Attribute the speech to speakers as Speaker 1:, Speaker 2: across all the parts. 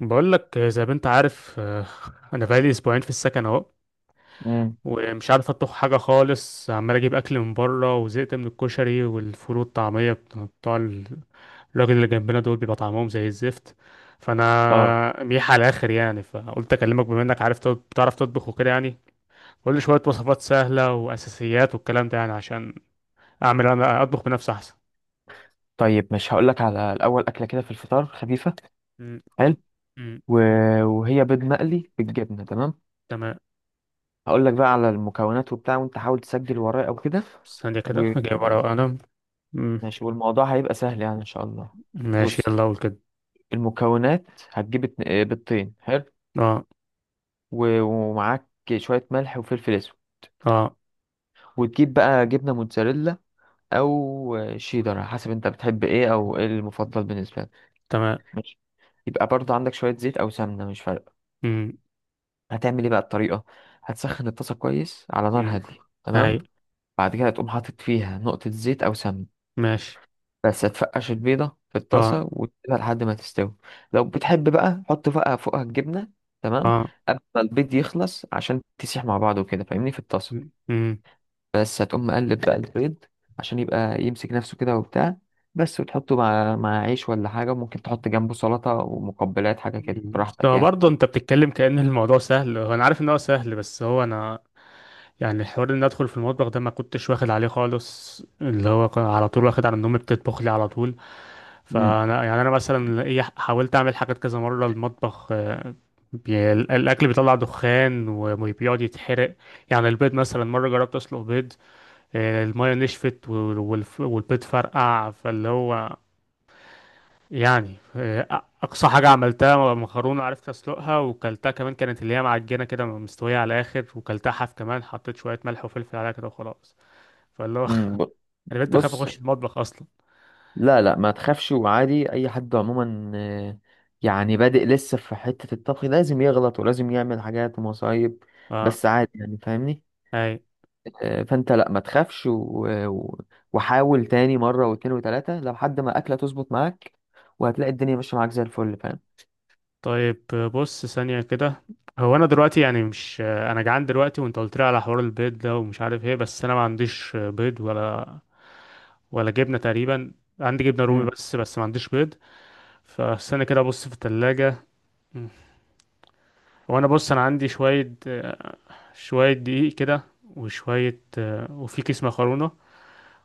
Speaker 1: بقول لك زي ما انت عارف انا بقالي اسبوعين في السكن اهو.
Speaker 2: امم.
Speaker 1: ومش عارف اطبخ حاجه خالص، عمال اجيب اكل من بره وزهقت من الكشري والفول والطعميه بتاع بتوع الراجل اللي جنبنا دول، بيبقى طعمهم زي الزفت.
Speaker 2: اه.
Speaker 1: فانا ميح على الاخر يعني، فقلت اكلمك بما انك عارف بتعرف تطبخ وكده يعني. قول لي شويه وصفات سهله واساسيات والكلام ده يعني، عشان اعمل انا اطبخ بنفسي احسن.
Speaker 2: طيب، مش هقول لك على الاول اكله كده في الفطار خفيفه.
Speaker 1: م-
Speaker 2: حلو.
Speaker 1: م-
Speaker 2: و... وهي بيض مقلي بالجبنه. تمام.
Speaker 1: تمام،
Speaker 2: هقول لك بقى على المكونات وبتاع، وانت حاول تسجل ورايا او كده.
Speaker 1: ثانيه كده
Speaker 2: و...
Speaker 1: جايب ورقه وقلم. م-
Speaker 2: ماشي، والموضوع هيبقى سهل يعني ان شاء الله.
Speaker 1: ماشي،
Speaker 2: بص،
Speaker 1: يلا اقول كده.
Speaker 2: المكونات. هتجيب بيضتين. حلو.
Speaker 1: اه،
Speaker 2: ومعاك شويه ملح وفلفل اسود،
Speaker 1: اه،
Speaker 2: وتجيب بقى جبنه موتزاريلا او شيدر على حسب انت بتحب ايه، او ايه المفضل بالنسبه لك.
Speaker 1: تمام.
Speaker 2: ماشي. يبقى برضه عندك شويه زيت او سمنه، مش فارقه.
Speaker 1: امم.
Speaker 2: هتعمل ايه بقى الطريقة؟ هتسخن الطاسة كويس على نار
Speaker 1: امم.
Speaker 2: هادية.
Speaker 1: اي.
Speaker 2: تمام. بعد كده تقوم حاطط فيها نقطة زيت أو سمن.
Speaker 1: ماشي.
Speaker 2: بس هتفقش البيضة في
Speaker 1: اه،
Speaker 2: الطاسة وتسيبها لحد ما تستوي. لو بتحب بقى، حط بقى فوقها الجبنة. تمام.
Speaker 1: اه.
Speaker 2: قبل ما البيض يخلص، عشان تسيح مع بعضه كده فاهمني في الطاسة.
Speaker 1: امم.
Speaker 2: بس هتقوم مقلب بقى البيض عشان يبقى يمسك نفسه كده وبتاع. بس، وتحطه مع عيش ولا حاجة، وممكن تحط جنبه سلطة ومقبلات، حاجة كده براحتك
Speaker 1: هو
Speaker 2: يعني.
Speaker 1: برضه انت بتتكلم كأن الموضوع سهل، هو انا عارف ان هو سهل، بس هو انا يعني الحوار ان ادخل في المطبخ ده، ما كنتش واخد عليه خالص، اللي هو كان على طول واخد على ان امي بتطبخ لي على طول.
Speaker 2: مم.
Speaker 1: فانا يعني انا مثلا ايه، حاولت اعمل حاجات كذا مرة المطبخ. الاكل بيطلع دخان وبيقعد يتحرق. يعني البيض مثلا مرة جربت اسلق بيض، المية نشفت والبيض فرقع فاللي هو. يعني اقصى حاجه عملتها مكرونه، عرفت اسلقها وكلتها كمان. كانت اللي هي معجنه كده مستويه على الاخر، وكلتها حاف كمان، حطيت شويه ملح وفلفل عليها كده وخلاص. فاللي هو
Speaker 2: مم.
Speaker 1: انا بنت خاف
Speaker 2: بص،
Speaker 1: اخش المطبخ اصلا.
Speaker 2: لا لا ما تخافش. وعادي اي حد عموما، يعني بادئ لسه في حتة الطبخ لازم يغلط ولازم يعمل حاجات ومصايب.
Speaker 1: اه.
Speaker 2: بس عادي يعني فاهمني.
Speaker 1: اي.
Speaker 2: فانت لا ما تخافش، وحاول تاني مرة واتنين وتلاتة لحد ما اكلة تظبط معاك. وهتلاقي الدنيا ماشية معاك زي الفل، فاهم.
Speaker 1: طيب بص ثانيه كده. هو انا دلوقتي يعني مش، انا جعان دلوقتي وانت قلت لي على حوار البيض ده، ومش عارف ايه، بس انا ما عنديش بيض ولا جبنه تقريبا. عندي جبنه رومي
Speaker 2: امم.
Speaker 1: بس، بس ما عنديش بيض. فاستنى كده ابص في الثلاجه. هو انا بص انا عندي شويه دقيق كده. وشويه، وفي كيس مكرونه.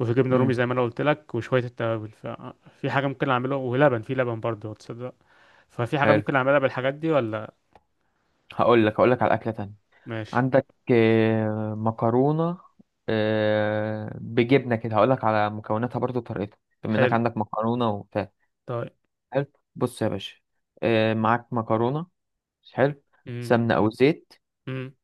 Speaker 1: وفي جبنه رومي
Speaker 2: امم.
Speaker 1: زي ما انا قلت لك، وشويه التوابل. ففي حاجه ممكن اعملها؟ ولبن، في لبن برضه تصدق. ففي حاجه
Speaker 2: حلو.
Speaker 1: ممكن اعملها بالحاجات دي ولا؟
Speaker 2: هقول لك على اكلة تانية.
Speaker 1: ماشي.
Speaker 2: عندك مكرونة، بجبنة كده. هقول لك على مكوناتها برضو وطريقتها بما انك
Speaker 1: حلو.
Speaker 2: عندك مكرونة وبتاع.
Speaker 1: طيب.
Speaker 2: حلو. بص يا باشا، معاك مكرونة. حلو.
Speaker 1: امم.
Speaker 2: سمنة أو زيت.
Speaker 1: امم.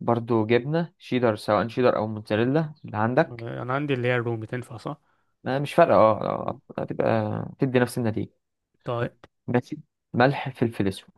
Speaker 2: برضو جبنة شيدر، سواء شيدر أو موتزاريلا اللي عندك.
Speaker 1: انا عندي اللي هي الرومي، تنفع صح؟
Speaker 2: مش فارقة، اه.
Speaker 1: مم.
Speaker 2: هتبقى تدي نفس النتيجة.
Speaker 1: طيب.
Speaker 2: ماشي. ملح، فلفل أسود.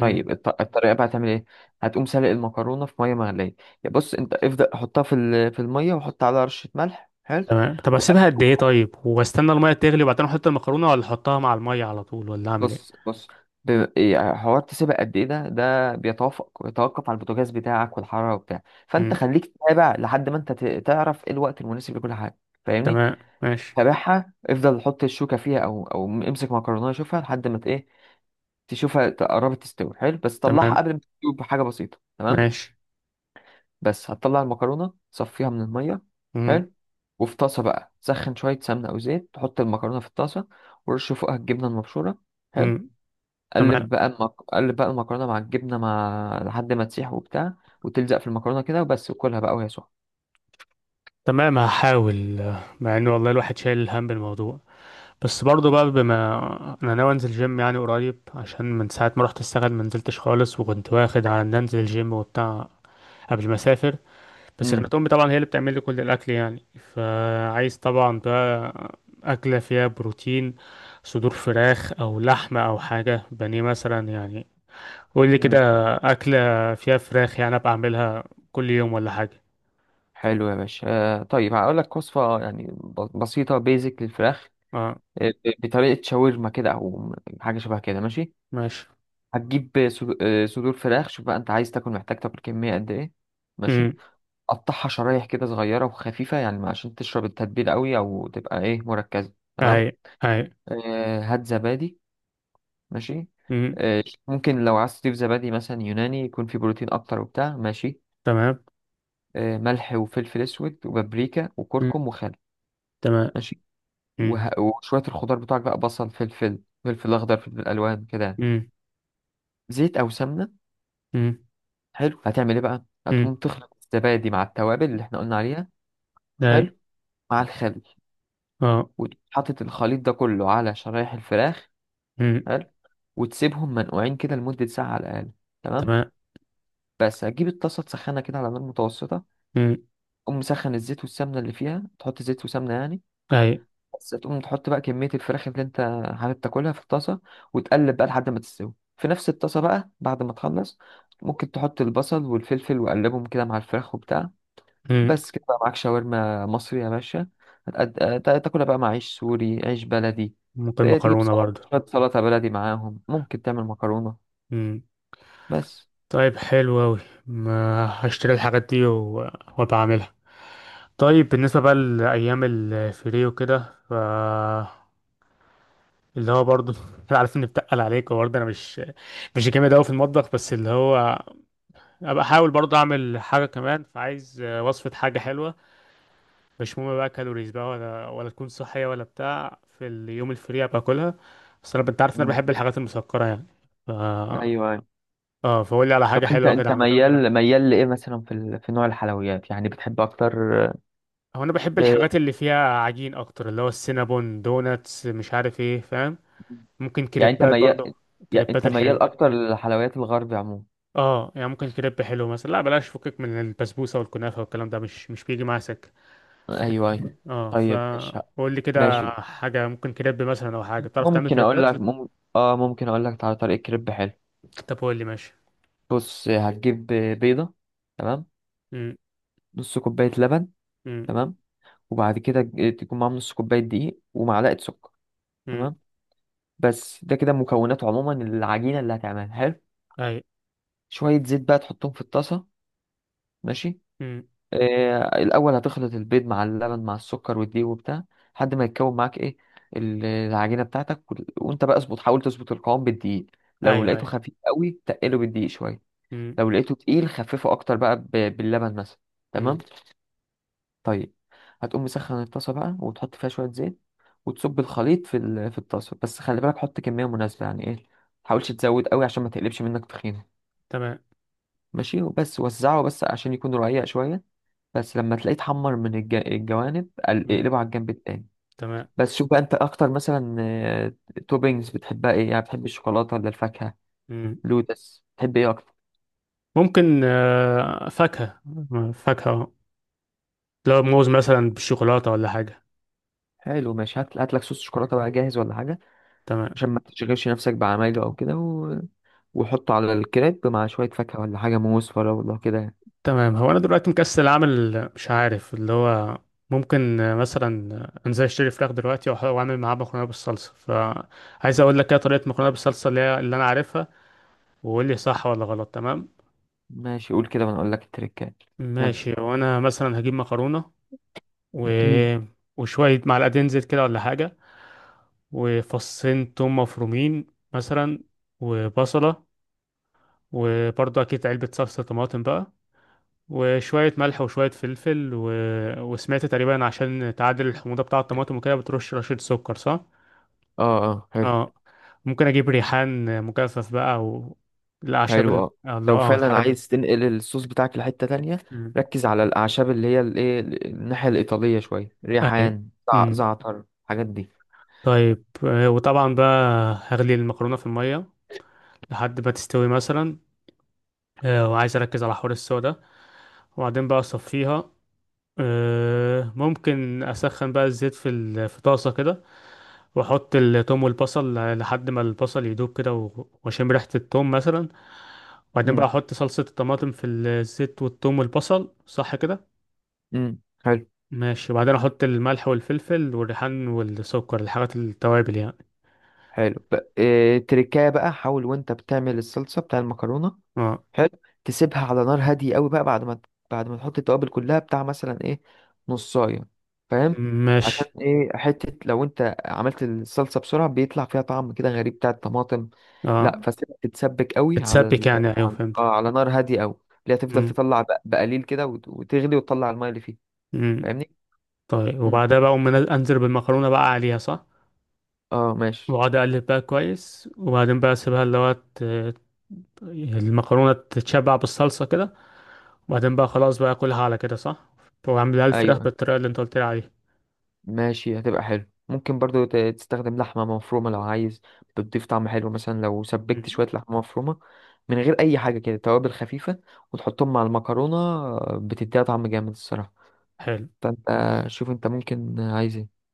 Speaker 1: امم.
Speaker 2: الطريقة بقى هتعمل ايه؟ هتقوم سلق المكرونة في مية مغلية. يا بص، انت ابدأ حطها في المية وحط عليها رشة ملح. حلو.
Speaker 1: تمام، طب اسيبها قد ايه؟ طيب، واستنى الميه تغلي وبعدين احط المكرونه، ولا احطها مع الميه على طول، ولا اعمل ايه؟
Speaker 2: بص، بص، ب- إيه، حوار تسيبها قد ايه ده، بيتوقف على البوتاجاز بتاعك والحراره وبتاع. فانت
Speaker 1: امم.
Speaker 2: خليك تتابع لحد ما انت تعرف ايه الوقت المناسب لكل حاجه، فاهمني.
Speaker 1: تمام، ماشي.
Speaker 2: تابعها، افضل حط الشوكه فيها، او امسك مكرونه شوفها لحد ما ت- ايه تشوفها قربت تستوي. حلو. بس طلعها
Speaker 1: تمام،
Speaker 2: قبل ما تستوي بحاجه بسيطه. تمام.
Speaker 1: ماشي.
Speaker 2: بس هتطلع المكرونه، صفيها من الميه. حلو. وفي طاسه بقى، سخن شويه سمنه او زيت، تحط المكرونه في الطاسه، ورش فوقها الجبنه المبشوره. حلو.
Speaker 1: امم. تمام.
Speaker 2: قلب بقى المكرونه مع الجبنه، مع لحد ما تسيح وبتاع وتلزق في المكرونه كده. وبس، وكلها بقى وهي سخنه.
Speaker 1: تمام، هحاول. مع ان والله الواحد شايل الهم بالموضوع، بس برضه بقى بما انا ناوي انزل جيم يعني قريب، عشان من ساعه ما رحت اشتغل ما نزلتش خالص، وكنت واخد على ان انزل الجيم وبتاع قبل ما اسافر. بس
Speaker 2: امم.
Speaker 1: كانت امي طبعا هي اللي بتعمل لي كل الاكل يعني. فعايز طبعا بقى اكله فيها بروتين، صدور فراخ او لحمه او حاجه بانيه مثلا يعني. قول لي كده
Speaker 2: امم.
Speaker 1: اكله فيها فراخ يعني، ابقى اعملها كل يوم ولا حاجه.
Speaker 2: حلو يا باشا. طيب، هقول لك وصفه يعني بسيطه بيزك للفراخ،
Speaker 1: اه.
Speaker 2: بطريقه شاورما كده او حاجه شبه كده. ماشي.
Speaker 1: ماشي.
Speaker 2: هتجيب صدور فراخ. شوف بقى انت عايز تاكل، محتاج تاكل كميه قد ايه. ماشي. قطعها شرايح كده صغيره وخفيفه، يعني عشان تشرب التتبيله قوي، او تبقى ايه، مركزه. تمام.
Speaker 1: هاي، هاي.
Speaker 2: هات زبادي. ماشي.
Speaker 1: مم.
Speaker 2: ممكن لو عايز تضيف زبادي مثلا يوناني، يكون فيه بروتين اكتر وبتاع. ماشي.
Speaker 1: تمام.
Speaker 2: ملح وفلفل اسود وبابريكا
Speaker 1: مم.
Speaker 2: وكركم وخل.
Speaker 1: تمام.
Speaker 2: ماشي.
Speaker 1: مم.
Speaker 2: وشويه الخضار بتوعك بقى، بصل، فلفل، فلفل اخضر، فلفل الوان كده يعني.
Speaker 1: مم.
Speaker 2: زيت او سمنه.
Speaker 1: مم.
Speaker 2: حلو. هتعمل ايه بقى؟
Speaker 1: مم.
Speaker 2: هتقوم تخلط الزبادي مع التوابل اللي احنا قلنا عليها.
Speaker 1: هاي.
Speaker 2: حلو. مع الخل،
Speaker 1: اه.
Speaker 2: وحاطط الخليط ده كله على شرايح الفراخ.
Speaker 1: مم.
Speaker 2: حلو. وتسيبهم منقوعين كده لمده ساعه على الاقل. تمام.
Speaker 1: تمام.
Speaker 2: بس هتجيب الطاسه تسخنها كده على نار متوسطه.
Speaker 1: مم.
Speaker 2: تقوم مسخن الزيت والسمنة اللي فيها، تحط زيت وسمنة يعني.
Speaker 1: هاي.
Speaker 2: بس تقوم تحط بقى كمية الفراخ اللي انت حابب تاكلها في الطاسة، وتقلب بقى لحد ما تستوي. في نفس الطاسة بقى، بعد ما تخلص، ممكن تحط البصل والفلفل وقلبهم كده مع الفراخ وبتاع.
Speaker 1: مم.
Speaker 2: بس كده بقى معاك شاورما مصري يا باشا. تاكلها بقى مع عيش سوري، عيش بلدي.
Speaker 1: ممكن
Speaker 2: ده تجيب
Speaker 1: مكرونة
Speaker 2: سلطة،
Speaker 1: برضو.
Speaker 2: شوية سلطة بلدي معاهم. ممكن تعمل مكرونة.
Speaker 1: مم.
Speaker 2: بس.
Speaker 1: طيب حلو أوي، ما هشتري الحاجات دي وبعملها. طيب بالنسبة بقى لأيام الفري وكده، ف اللي هو برضو أنا عارف إني بتقل عليك، وبرضه أنا مش جامد أوي في المطبخ، بس اللي هو أبقى أحاول برضه أعمل حاجة كمان، فعايز وصفة حاجة حلوة. مش مهم بقى كالوريز بقى ولا تكون صحية ولا بتاع، في اليوم الفري باكلها. بس انا انت عارف ان انا
Speaker 2: مم.
Speaker 1: بحب الحاجات المسكرة يعني. ف
Speaker 2: ايوه، أيوة.
Speaker 1: اه، فقول لي على
Speaker 2: طب،
Speaker 1: حاجة
Speaker 2: انت
Speaker 1: حلوة كده
Speaker 2: انت
Speaker 1: اعملها.
Speaker 2: ميال ميال لايه مثلا في نوع الحلويات، يعني بتحب اكتر؟
Speaker 1: هو انا بحب
Speaker 2: آه،
Speaker 1: الحاجات اللي فيها عجين اكتر، اللي هو السينابون، دوناتس، مش عارف ايه، فاهم؟ ممكن
Speaker 2: يعني انت
Speaker 1: كريبات
Speaker 2: ميال،
Speaker 1: برضه. كريبات الحلو.
Speaker 2: اكتر للحلويات الغربي عموما.
Speaker 1: اه يعني ممكن كريب حلو مثلا. لا بلاش، فكك من البسبوسة والكنافة والكلام ده، مش بيجي معايا سكة.
Speaker 2: ايوه، ايوه.
Speaker 1: اه،
Speaker 2: طيب، ماشي.
Speaker 1: فقول لي كده
Speaker 2: ماشي.
Speaker 1: حاجة ممكن كريب مثلا، او حاجة بتعرف تعمل
Speaker 2: ممكن اقول
Speaker 1: كريبات.
Speaker 2: لك اه، ممكن اقول لك على طريقه كريب حلو.
Speaker 1: طب قول لي ماشي.
Speaker 2: بص، هتجيب بيضه. تمام.
Speaker 1: مم.
Speaker 2: نص كوبايه لبن.
Speaker 1: مم.
Speaker 2: تمام. وبعد كده، تكون معاهم نص كوبايه دقيق ومعلقه سكر.
Speaker 1: امم.
Speaker 2: تمام. بس ده كده مكونات عموما العجينه اللي هتعملها. حلو.
Speaker 1: اي.
Speaker 2: شويه زيت بقى تحطهم في الطاسه. ماشي.
Speaker 1: امم.
Speaker 2: الاول هتخلط البيض مع اللبن مع السكر والدقيق وبتاع لحد ما يتكون معاك ايه، العجينه بتاعتك. وانت بقى اظبط، حاول تظبط القوام بالدقيق. لو
Speaker 1: ايوه،
Speaker 2: لقيته
Speaker 1: ايوه.
Speaker 2: خفيف قوي، تقله بالدقيق شويه.
Speaker 1: امم.
Speaker 2: لو لقيته تقيل، خففه اكتر بقى باللبن مثلا. تمام.
Speaker 1: امم.
Speaker 2: طيب، هتقوم مسخن الطاسه بقى وتحط فيها شويه زيت، وتصب الخليط في الطاسه. بس خلي بالك، حط كميه مناسبه، يعني ايه، ما تحاولش تزود قوي عشان ما تقلبش منك تخينه.
Speaker 1: تمام.
Speaker 2: ماشي. وبس، وزعه بس عشان يكون رقيق شويه. بس لما تلاقيه اتحمر من الجوانب،
Speaker 1: امم.
Speaker 2: اقلبه على الجنب التاني.
Speaker 1: تمام.
Speaker 2: بس شوف بقى انت اكتر مثلا، توبينجز بتحبها ايه، يعني بتحب الشوكولاته ولا الفاكهه،
Speaker 1: امم.
Speaker 2: لوتس، بتحب ايه اكتر؟
Speaker 1: ممكن فاكهة. فاكهة، لو موز مثلا بالشوكولاتة ولا حاجة.
Speaker 2: حلو. ماشي. هات لك صوص شوكولاته بقى جاهز ولا حاجه،
Speaker 1: تمام.
Speaker 2: عشان ما تشغلش نفسك بعمايله او كده. وحطه على الكريب مع شويه فاكهه ولا حاجه، موز، فراوله كده يعني.
Speaker 1: تمام، هو انا دلوقتي مكسل اعمل، مش عارف اللي هو. ممكن مثلا انزل اشتري فراخ دلوقتي، واعمل معاه مكرونة بالصلصة. فعايز اقول لك ايه طريقة مكرونة بالصلصة، اللي انا عارفها، وقول لي صح ولا غلط. تمام،
Speaker 2: ماشي، قول كده وانا اقول لك التريكات. يلا.
Speaker 1: ماشي. وانا مثلا هجيب مكرونة، و... وشوية معلقتين زيت كده ولا حاجة، وفصين توم مفرومين مثلا، وبصلة، وبرضه أكيد علبة صلصة طماطم بقى، وشوية ملح وشوية فلفل، و... وسمعت تقريبا عشان تعادل الحموضة بتاع الطماطم وكده، بترش رشة سكر صح؟
Speaker 2: اه، اه، حلو.
Speaker 1: اه. ممكن أجيب ريحان مجفف بقى، أو الأعشاب
Speaker 2: حلو، اه.
Speaker 1: الله
Speaker 2: لو
Speaker 1: اه
Speaker 2: فعلا
Speaker 1: الحاجات دي.
Speaker 2: عايز تنقل الصوص بتاعك لحتة تانية،
Speaker 1: مم.
Speaker 2: ركز على الأعشاب، اللي هي الإيه، الناحية الإيطالية، شوية
Speaker 1: أيوة.
Speaker 2: ريحان،
Speaker 1: مم.
Speaker 2: زعتر، الحاجات دي.
Speaker 1: طيب وطبعا بقى هغلي المكرونة في المية لحد ما تستوي مثلا. وعايز اركز على حوار السوا ده. وبعدين بقى اصفيها. ممكن اسخن بقى الزيت في طاسه كده، واحط التوم والبصل لحد ما البصل يدوب كده، واشم ريحه التوم مثلا، وبعدين بقى
Speaker 2: مم.
Speaker 1: احط صلصه الطماطم في الزيت والتوم والبصل، صح كده؟
Speaker 2: مم. حلو.
Speaker 1: ماشي، وبعدين احط الملح والفلفل والريحان والسكر، الحاجات التوابل يعني.
Speaker 2: حلو، تريكاية بقى، حاول وأنت بتعمل الصلصة بتاع المكرونة.
Speaker 1: اه.
Speaker 2: حلو. تسيبها على نار هاديه قوي بقى بعد ما تحط التوابل كلها بتاع، مثلا ايه، نصايه، فاهم.
Speaker 1: ماشي.
Speaker 2: عشان ايه، حته لو انت عملت الصلصه بسرعه بيطلع فيها طعم كده غريب بتاع الطماطم.
Speaker 1: اه.
Speaker 2: لا، فسيبها تتسبك قوي على
Speaker 1: تتسبك
Speaker 2: ال...
Speaker 1: يعني، ايوه
Speaker 2: على
Speaker 1: فهمت.
Speaker 2: آه، على نار هاديه قوي. اللي هتفضل
Speaker 1: مم.
Speaker 2: تطلع بقليل كده وتغلي وتطلع الميه اللي فيها،
Speaker 1: مم.
Speaker 2: فاهمني.
Speaker 1: طيب،
Speaker 2: مم.
Speaker 1: وبعدها بقى أقوم انزل بالمكرونه بقى عليها صح.
Speaker 2: اه، ماشي.
Speaker 1: واقعد اقلب بقى كويس، وبعدين بقى اسيبها اللي هو المكرونه تتشبع بالصلصه كده، وبعدين بقى خلاص بقى اكلها على كده صح. واعملها الفراخ
Speaker 2: ايوه،
Speaker 1: بالطريقه اللي انت قلت لي عليها.
Speaker 2: ماشي، هتبقى حلو. ممكن برضو تستخدم لحمة مفرومة لو عايز. بتضيف طعم حلو مثلا لو سبكت
Speaker 1: مم.
Speaker 2: شوية لحمة مفرومة من غير أي حاجة، كده توابل خفيفة، وتحطهم مع المكرونة. بتديها طعم جامد الصراحة.
Speaker 1: حلو.
Speaker 2: فأنت شوف، أنت ممكن عايز إيه؟